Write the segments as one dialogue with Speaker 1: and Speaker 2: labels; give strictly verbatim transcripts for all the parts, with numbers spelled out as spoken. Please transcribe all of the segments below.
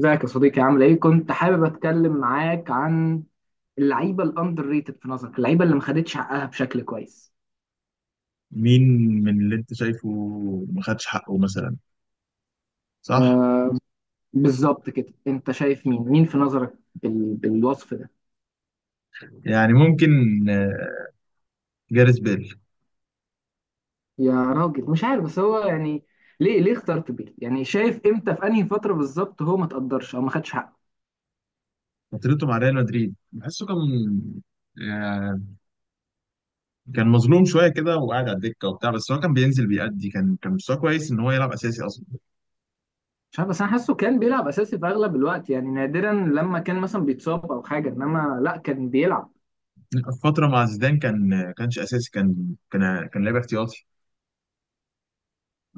Speaker 1: ازيك يا صديقي عامل ايه؟ كنت حابب اتكلم معاك عن اللعيبه الاندر ريتد في نظرك، اللعيبه اللي ما خدتش حقها بشكل كويس.
Speaker 2: مين من اللي انت شايفه ما خدش حقه مثلا؟ صح.
Speaker 1: آه بالظبط كده، انت شايف مين؟ مين في نظرك بال... بالوصف ده؟
Speaker 2: يعني ممكن، آه، جاريث بيل.
Speaker 1: يا راجل مش عارف بس هو يعني ليه ليه اخترت بيه؟ يعني شايف امتى في انهي فتره بالظبط هو ما تقدرش او ما خدش حقه؟
Speaker 2: فترته مع ريال مدريد بحسه كان آه، كان مظلوم شويه كده وقاعد على الدكه وبتاع، بس هو كان بينزل بيأدي، كان كان مستواه كويس ان هو يلعب اساسي اصلا.
Speaker 1: مش عارف بس انا حاسه كان بيلعب اساسي في اغلب الوقت، يعني نادرا لما كان مثلا بيتصاب او حاجه، انما لا كان بيلعب.
Speaker 2: فتره مع زيدان كان آه، كانش اساسي، كان كان كان لاعب احتياطي.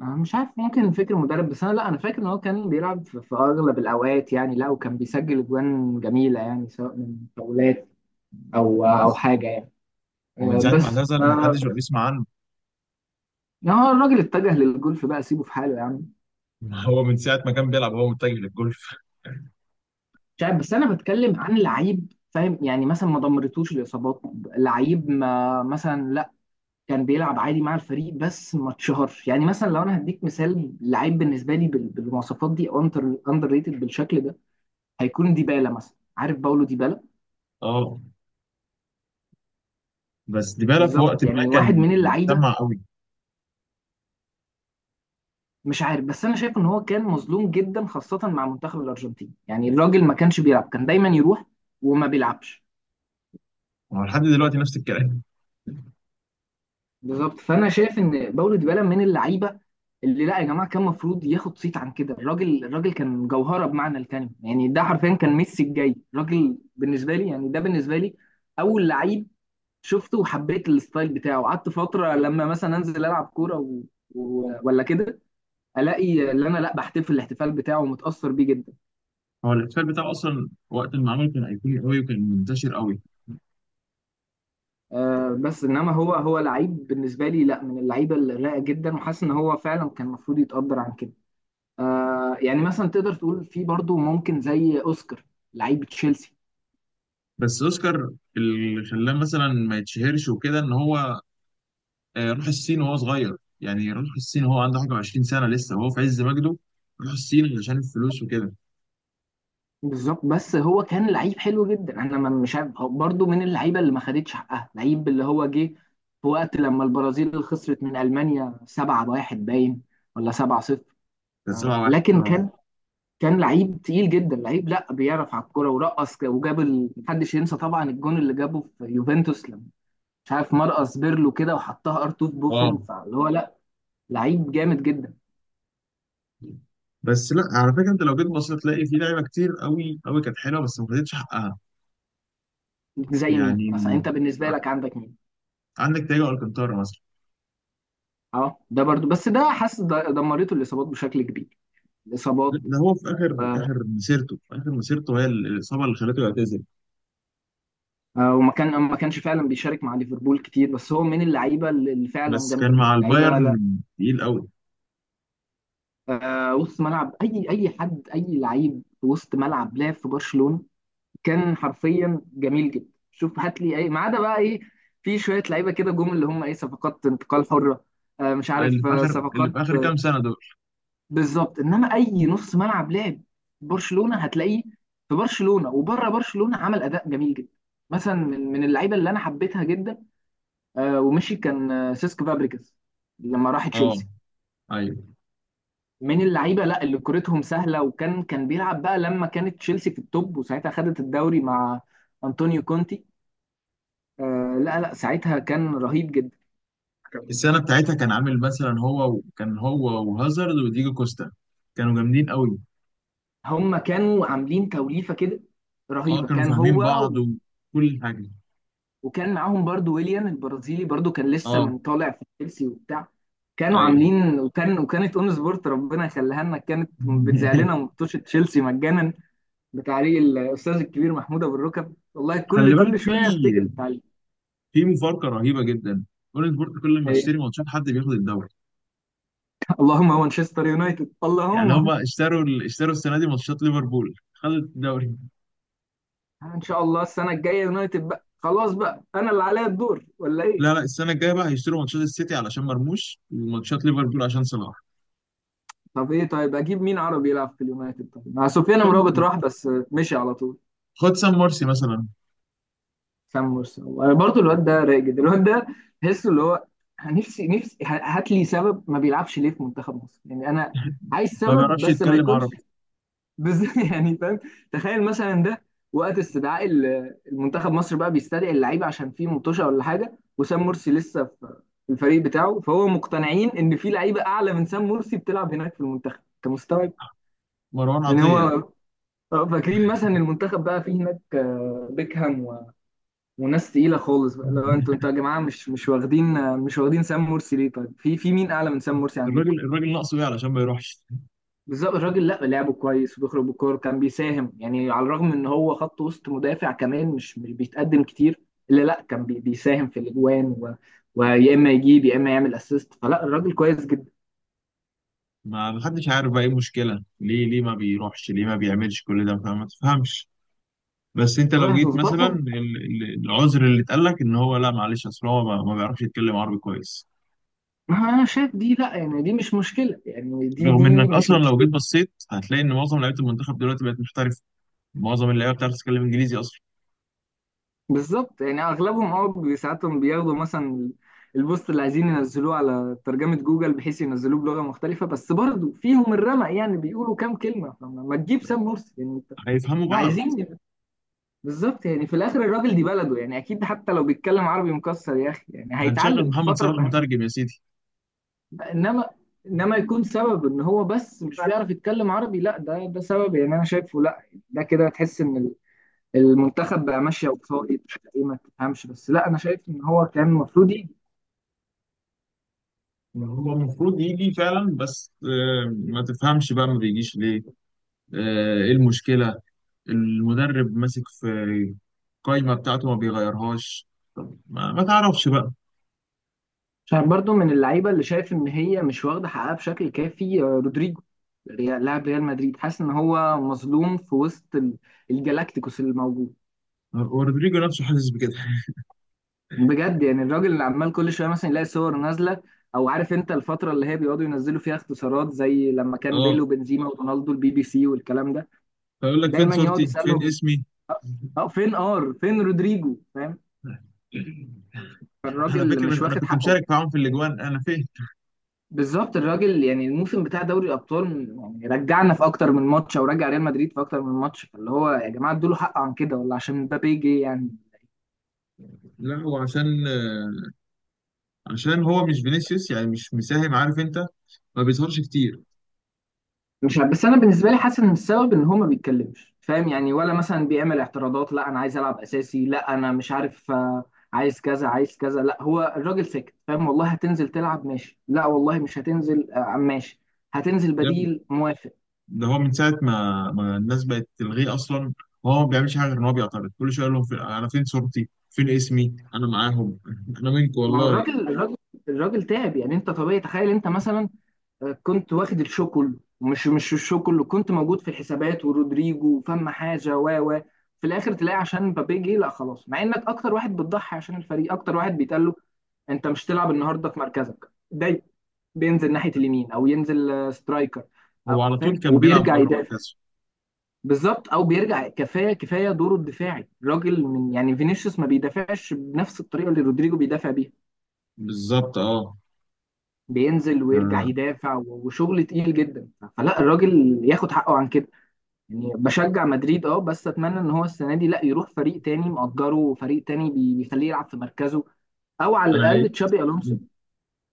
Speaker 1: أنا مش عارف، ممكن فكر مدرب، بس انا لا انا فاكر ان هو كان بيلعب في في اغلب الاوقات، يعني لا وكان بيسجل اجوان جميله يعني سواء من فاولات او او حاجه يعني.
Speaker 2: ومن
Speaker 1: آه،
Speaker 2: ساعه ما
Speaker 1: بس
Speaker 2: اعتزل
Speaker 1: ف
Speaker 2: ما حدش بقى بيسمع عنه.
Speaker 1: يعني هو الراجل اتجه للجولف بقى، سيبه في حاله يا عم.
Speaker 2: هو من ساعه ما كان بيلعب هو متجه للجولف.
Speaker 1: مش عارف بس انا بتكلم عن لعيب فاهم، يعني مثلا ما دمرتوش الاصابات، لعيب ما مثلا لا، كان بيلعب عادي مع الفريق بس ما اتشهرش. يعني مثلا لو انا هديك مثال لعيب بالنسبه لي بال- بالمواصفات دي، اندر ريتد بالشكل ده، هيكون ديبالا مثلا، عارف باولو ديبالا؟
Speaker 2: اه، بس ديبالا في وقت
Speaker 1: بالظبط،
Speaker 2: ما
Speaker 1: يعني واحد
Speaker 2: كان
Speaker 1: من اللعيبه.
Speaker 2: سمع قوي.
Speaker 1: مش عارف بس انا شايف ان هو كان مظلوم جدا خاصه مع منتخب الارجنتين، يعني الراجل ما كانش بيلعب، كان دايما يروح وما بيلعبش.
Speaker 2: هو لحد دلوقتي نفس الكلام.
Speaker 1: بالظبط، فانا شايف ان باولو ديبالا من اللعيبه اللي لا يا جماعه كان المفروض ياخد صيت عن كده، الراجل الراجل كان جوهره بمعنى الكلمه، يعني ده حرفيا كان ميسي الجاي الراجل بالنسبه لي، يعني ده بالنسبه لي اول لعيب شفته وحبيت الستايل بتاعه. قعدت فتره لما مثلا انزل العب كوره و... و... ولا كده الاقي اللي انا لا بحتفل الاحتفال بتاعه ومتاثر بيه جدا.
Speaker 2: هو الاحتفال بتاعه اصلا وقت ما عمله كان ايقوني قوي وكان منتشر قوي.
Speaker 1: أه بس انما هو هو لعيب بالنسبه لي لا من اللعيبه الرايقه جدا، وحاسس ان هو فعلا كان المفروض يتقدر عن كده. أه يعني مثلا تقدر تقول في برضه ممكن زي اوسكار، لعيب تشيلسي.
Speaker 2: بس اوسكار، اللي خلاه مثلا ما يتشهرش وكده ان هو، آه، راح الصين وهو صغير. يعني راح الصين وهو عنده حاجه 20 سنه لسه وهو في عز مجده، راح الصين عشان الفلوس وكده.
Speaker 1: بالظبط، بس هو كان لعيب حلو جدا. انا ما- مش عارف هو برضه من اللعيبه اللي ما خدتش حقها، لعيب اللي هو جه في وقت لما البرازيل خسرت من المانيا سبعه واحد، باين ولا سبعه صفر.
Speaker 2: كان 7
Speaker 1: أه
Speaker 2: واحد
Speaker 1: لكن
Speaker 2: اه.
Speaker 1: كان كان لعيب تقيل جدا، لعيب لا بيعرف على الكوره ورقص ك- وجاب ال... محدش ينسى طبعا الجون اللي جابه في يوفنتوس لما مش عارف مرقص بيرلو كده وحطها ار2 في بوفن،
Speaker 2: اه،
Speaker 1: فاللي هو لا لعيب جامد جدا.
Speaker 2: بس لا على فكره، انت لو جيت بصيت تلاقي في لعيبه كتير قوي قوي كانت حلوه بس ما خدتش حقها.
Speaker 1: زي
Speaker 2: يعني
Speaker 1: مين مثلا انت بالنسبه
Speaker 2: ع-
Speaker 1: لك عندك مين؟
Speaker 2: عندك تياجو الكانتارا مثلا.
Speaker 1: اه ده برضو، بس ده حاسس د- دمرته الاصابات بشكل كبير،
Speaker 2: لا،
Speaker 1: الاصابات.
Speaker 2: ده هو في اخر
Speaker 1: و...
Speaker 2: اخر مسيرته، في اخر مسيرته هي ال- الاصابه اللي خلته يعتزل.
Speaker 1: آه، وما كان ما كانش فعلا بيشارك مع ليفربول كتير، بس هو من اللعيبه اللي اللي فعلا
Speaker 2: بس كان
Speaker 1: جامده جدا،
Speaker 2: مع
Speaker 1: لعيبه
Speaker 2: البايرن
Speaker 1: لا
Speaker 2: تقيل قوي.
Speaker 1: آه، وسط ملعب. اي اي حد اي لعيب في وسط ملعب لعب في برشلونه كان حرفيا جميل جدا. شوف هات لي اي ما عدا بقى ايه، في شويه لعيبه كده جم اللي هم ايه صفقات انتقال حره. آه، مش
Speaker 2: اللي
Speaker 1: عارف
Speaker 2: في
Speaker 1: آه،
Speaker 2: اخر اللي
Speaker 1: صفقات
Speaker 2: في اخر
Speaker 1: آه،
Speaker 2: كام سنه دول.
Speaker 1: بالظبط، انما اي نص ملعب لعب برشلونه هتلاقيه في برشلونه وبره برشلونه عمل اداء جميل جدا. مثلا من من اللعيبه اللي انا حبيتها جدا، آه، ومشي كان آه، سيسك فابريكاس لما راح
Speaker 2: اه،
Speaker 1: تشيلسي،
Speaker 2: ايوه.
Speaker 1: من اللعيبه لا اللي كورتهم سهله، وكان كان بيلعب بقى لما كانت تشيلسي في التوب، وساعتها خدت الدوري مع انطونيو كونتي. آه لا لا، ساعتها كان رهيب جدا.
Speaker 2: السنه بتاعتها كان عامل مثلا، هو كان هو وهازارد وديجو كوستا كانوا جامدين قوي.
Speaker 1: هم كانوا عاملين توليفة كده
Speaker 2: اه،
Speaker 1: رهيبة،
Speaker 2: كانوا
Speaker 1: كان
Speaker 2: فاهمين
Speaker 1: هو
Speaker 2: بعض
Speaker 1: و-
Speaker 2: وكل حاجه.
Speaker 1: وكان معاهم برضو ويليان البرازيلي، برضو كان لسه
Speaker 2: اه،
Speaker 1: من طالع في تشيلسي وبتاع. كانوا
Speaker 2: ايوه.
Speaker 1: عاملين، وكان وكانت اون سبورت ربنا يخليها لنا كانت بتذاع لنا مطوشة تشيلسي مجانا بتعليق الاستاذ الكبير محمود ابو الركب، والله كل
Speaker 2: خلي بالك،
Speaker 1: كل
Speaker 2: في
Speaker 1: شويه افتكر التعليق.
Speaker 2: في مفارقه رهيبه جدا. اون سبورت كل ما
Speaker 1: أي.
Speaker 2: تشتري ماتشات حد بياخد الدوري.
Speaker 1: اللهم مانشستر يونايتد
Speaker 2: يعني
Speaker 1: اللهم
Speaker 2: هما اشتروا ال- اشتروا السنه دي ماتشات ليفربول خدت الدوري.
Speaker 1: ان شاء الله السنه الجايه يونايتد بقى، خلاص بقى انا اللي عليا الدور ولا ايه؟
Speaker 2: لا لا، السنه الجايه بقى هيشتروا ماتشات السيتي علشان مرموش وماتشات ليفربول عشان صلاح.
Speaker 1: طب ايه طيب، اجيب مين عربي يلعب في اليونايتد؟ طيب مع سفيان مرابط راح بس مشي على طول.
Speaker 2: خد سام مرسي مثلا.
Speaker 1: سام مرسي انا برضو الواد ده رايق جدا، الواد ده تحسه اللي هو نفسي نفسي ه- هات لي سبب ما بيلعبش ليه في منتخب مصر، يعني انا عايز
Speaker 2: ما
Speaker 1: سبب
Speaker 2: بيعرفش
Speaker 1: بس ما
Speaker 2: يتكلم
Speaker 1: يكونش
Speaker 2: عربي.
Speaker 1: بس. يعني فاهم؟ تخيل مثلا ده وقت استدعاء ال- المنتخب مصر بقى بيستدعي اللعيبه عشان في مطوشه ولا حاجه، وسام مرسي لسه في في الفريق بتاعه، فهو مقتنعين ان في لعيبه اعلى من سام مرسي بتلعب هناك في المنتخب، انت مستوعب؟
Speaker 2: مروان
Speaker 1: يعني هو
Speaker 2: عطية.
Speaker 1: آه، فاكرين مثلا المنتخب بقى فيه هناك آه، بيكهام و- وناس تقيله خالص بقى، لو انتوا انتوا يا جماعه مش مش واخدين آه، مش واخدين سام مرسي ليه، طيب في في مين اعلى من سام مرسي عندكم؟
Speaker 2: الراجل الراجل ناقصه ايه علشان ما يروحش؟
Speaker 1: بالظبط، الراجل لا لعبه كويس وبيخرج بالكوره، كان بيساهم يعني على الرغم ان هو خط وسط مدافع كمان مش مش بيتقدم كتير، الا لا كان بي- بيساهم في الاجوان و- ويا اما يجيب يا اما يعمل اسيست، فلا الراجل كويس جدا.
Speaker 2: ما محدش عارف بقى ايه المشكلة، ليه ليه ما بيروحش ليه ما بيعملش كل ده، فما تفهمش. بس انت
Speaker 1: والله
Speaker 2: لو
Speaker 1: يا
Speaker 2: جيت
Speaker 1: حظوظ
Speaker 2: مثلا،
Speaker 1: برضه.
Speaker 2: ال- ال- العذر اللي اتقال لك ان هو، لا معلش اصل هو ما ما بيعرفش يتكلم عربي كويس.
Speaker 1: ما انا شايف دي لا يعني دي مش مشكله، يعني دي
Speaker 2: رغم
Speaker 1: دي
Speaker 2: انك
Speaker 1: مش.
Speaker 2: اصلا لو جيت بصيت هتلاقي ان معظم لعيبه المنتخب دلوقتي بقت محترفه، معظم اللعيبه بتعرف تتكلم انجليزي اصلا.
Speaker 1: بالظبط يعني اغلبهم اه بي- ساعاتهم بياخدوا مثلا البوست اللي عايزين ينزلوه على ترجمة جوجل بحيث ينزلوه بلغة مختلفة، بس برضه فيهم الرمق يعني بيقولوا كام كلمة. فما ما تجيب سام مرسي يعني انت،
Speaker 2: هيفهموا
Speaker 1: إحنا
Speaker 2: بعض.
Speaker 1: عايزين. بالظبط يعني في الاخر الراجل دي بلده، يعني اكيد حتى لو بيتكلم عربي مكسر يا اخي يعني
Speaker 2: هنشغل
Speaker 1: هيتعلم في
Speaker 2: محمد
Speaker 1: الفترة
Speaker 2: صلاح
Speaker 1: اللي هي-
Speaker 2: مترجم يا سيدي.
Speaker 1: انما انما يكون سبب ان هو بس مش بيعرف يتكلم عربي، لا ده ده سبب يعني انا شايفه لا. ده كده تحس ان المنتخب بقى ماشيه وفاقد ايه، ما تفهمش، بس لا انا شايف ان هو كان المفروض يجي.
Speaker 2: يعني هو المفروض يجي فعلا، بس آه، ما تفهمش بقى ما بيجيش ليه، آه، ايه المشكلة. المدرب ماسك في القايمة بتاعته ما بيغيرهاش. ما, ما تعرفش بقى.
Speaker 1: عشان برضو من اللعيبه اللي شايف ان هي مش واخده حقها بشكل كافي، آه، رودريجو، ريال- لاعب ريال مدريد، حاسس ان هو مظلوم في وسط ال- الجلاكتيكوس اللي موجود.
Speaker 2: رودريجو نفسه حاسس بكده.
Speaker 1: بجد يعني الراجل اللي عمال كل شويه مثلا يلاقي صور نازله، او عارف انت الفتره اللي هي بيقعدوا ينزلوا فيها اختصارات زي لما كان بيل
Speaker 2: اه،
Speaker 1: وبنزيما ورونالدو البي بي سي والكلام ده،
Speaker 2: فيقول لك فين
Speaker 1: دايما يقعد
Speaker 2: صورتي فين
Speaker 1: يسالهم
Speaker 2: اسمي.
Speaker 1: اه فين ار فين رودريجو، فاهم؟
Speaker 2: على
Speaker 1: فالراجل
Speaker 2: فكرة
Speaker 1: مش
Speaker 2: انا
Speaker 1: واخد
Speaker 2: كنت
Speaker 1: حقه.
Speaker 2: مشارك معاهم في الاجوان، انا فين؟
Speaker 1: بالظبط الراجل، يعني الموسم بتاع دوري الابطال يعني رجعنا في اكتر من ماتش او رجع ريال مدريد في اكتر من ماتش، فاللي هو يا جماعه ادوا له حق عن كده، ولا عشان مبابي جه يعني.
Speaker 2: لا، هو عشان آه، عشان هو مش فينيسيوس، يعني مش مساهم، عارف انت، ما بيظهرش كتير.
Speaker 1: مش عارف بس انا بالنسبه لي حاسس ان السبب ان هو ما بيتكلمش، فاهم يعني، ولا مثلا بيعمل اعتراضات لا انا عايز العب اساسي لا انا مش عارف آه، عايز كذا عايز كذا، لا هو الراجل ساكت فاهم، والله هتنزل تلعب ماشي، لا والله مش هتنزل آه، ماشي، هتنزل بديل موافق.
Speaker 2: ده هو من ساعة ما ما الناس بقت تلغيه أصلا. هو ما بيعملش حاجة غير إن هو بيعترض كل شوية يقول لهم فين- أنا فين صورتي؟ فين اسمي؟ أنا معاهم. أنا منكم
Speaker 1: ما هو
Speaker 2: والله.
Speaker 1: الراجل الراجل الراجل تعب. يعني انت طبيعي تخيل انت مثلا كنت واخد الشو كله، مش مش الشو كله كنت موجود في الحسابات ورودريجو وفم حاجه و و في الاخر تلاقي عشان مبابي جه لا خلاص، مع انك اكتر واحد بتضحي عشان الفريق، اكتر واحد بيتقال له انت مش تلعب النهارده في مركزك ده، بينزل ناحيه اليمين او ينزل آه، سترايكر، أو
Speaker 2: هو على طول
Speaker 1: فاهم
Speaker 2: كان بيلعب
Speaker 1: وبيرجع
Speaker 2: بره
Speaker 1: يدافع.
Speaker 2: مركزه.
Speaker 1: بالظبط او بيرجع كفايه كفايه دوره الدفاعي الراجل، من يعني فينيسيوس ما بيدافعش بنفس الطريقه اللي رودريجو بيدافع بيها،
Speaker 2: بالظبط أه.
Speaker 1: بينزل ويرجع
Speaker 2: آه،
Speaker 1: يدافع و- وشغل تقيل جدا، فلا الراجل ياخد حقه عن كده. يعني بشجع مدريد اه بس اتمنى ان هو السنه دي لا يروح فريق تاني مأجره، فريق تاني بي- بيخليه يلعب في مركزه، او على
Speaker 2: أنا
Speaker 1: الاقل
Speaker 2: لقيت
Speaker 1: تشابي
Speaker 2: من
Speaker 1: الونسو.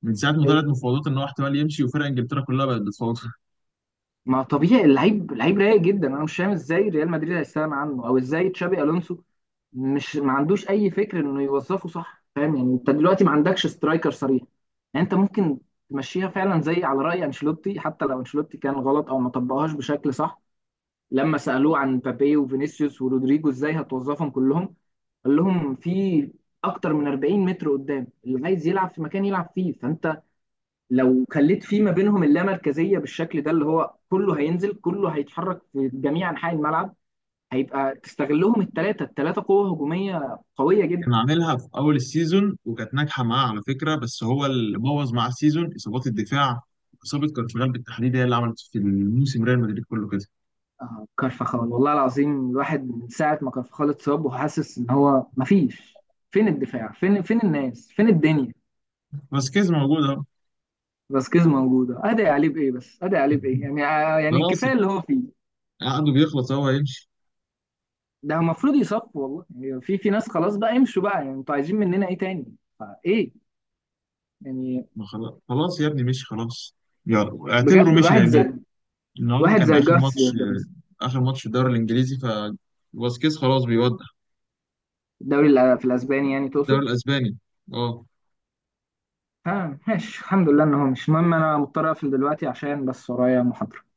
Speaker 2: من ساعة ما طلعت
Speaker 1: ايه
Speaker 2: مفاوضات إن هو احتمال يمشي، وفرق إنجلترا كلها بقت بتفاوض.
Speaker 1: ما طبيعي، اللعيب لعيب رايق جدا، انا مش فاهم ازاي ريال مدريد هيستغنى عنه، او ازاي تشابي الونسو مش ما عندوش اي فكر انه يوظفه صح، فاهم يعني؟ انت دلوقتي ما عندكش سترايكر صريح، يعني انت ممكن تمشيها فعلا زي على رأي انشيلوتي، حتى لو انشيلوتي كان غلط او ما طبقهاش بشكل صح. لما سألوه عن مبابي وفينيسيوس ورودريجو ازاي هتوظفهم كلهم، قال لهم في اكتر من اربعين متر قدام، اللي عايز يلعب في مكان يلعب فيه. فانت لو خليت فيه ما بينهم اللامركزيه بالشكل ده اللي هو كله هينزل كله هيتحرك في جميع انحاء الملعب، هيبقى تستغلهم الثلاثه الثلاثه قوه هجوميه قويه جدا.
Speaker 2: كان عاملها في أول السيزون وكانت ناجحة معاه على فكرة، بس هو اللي بوظ معاه السيزون إصابات الدفاع، إصابة كارفاغال بالتحديد هي اللي عملت في الموسم ريال مدريد كله كده.
Speaker 1: آه، كارفخال، والله العظيم الواحد من ساعه ما كارفخال اتصاب وحاسس ان هو مفيش، فين الدفاع فين فين الناس فين الدنيا.
Speaker 2: بس كيز موجود أهو.
Speaker 1: فاسكيز موجوده، ادعي عليه بايه؟ بس ادعي عليه بايه يعني آه، يعني
Speaker 2: خلاص،
Speaker 1: الكفايه اللي هو فيه.
Speaker 2: عقده بيخلص هو يمشي.
Speaker 1: ده المفروض يصف، والله يعني في في ناس خلاص بقى يمشوا بقى، يعني انتوا عايزين مننا ايه تاني فايه يعني.
Speaker 2: ما خلاص خلاص يا ابني، مشي خلاص، يلا اعتبره
Speaker 1: بجد
Speaker 2: مشي
Speaker 1: واحد
Speaker 2: لان
Speaker 1: زي
Speaker 2: النهارده
Speaker 1: واحد
Speaker 2: كان
Speaker 1: زي
Speaker 2: اخر
Speaker 1: جارسيا
Speaker 2: ماتش.
Speaker 1: ده مثلا.
Speaker 2: آه، اخر ماتش في الدوري الانجليزي، ف فاسكيز خلاص بيودع
Speaker 1: الدوري الأ- في الاسباني يعني
Speaker 2: الدوري
Speaker 1: تقصد؟
Speaker 2: الاسباني. اه.
Speaker 1: ها ماشي الحمد لله ان هو مش المهم، انا مضطر اقفل دلوقتي عشان بس ورايا محاضره.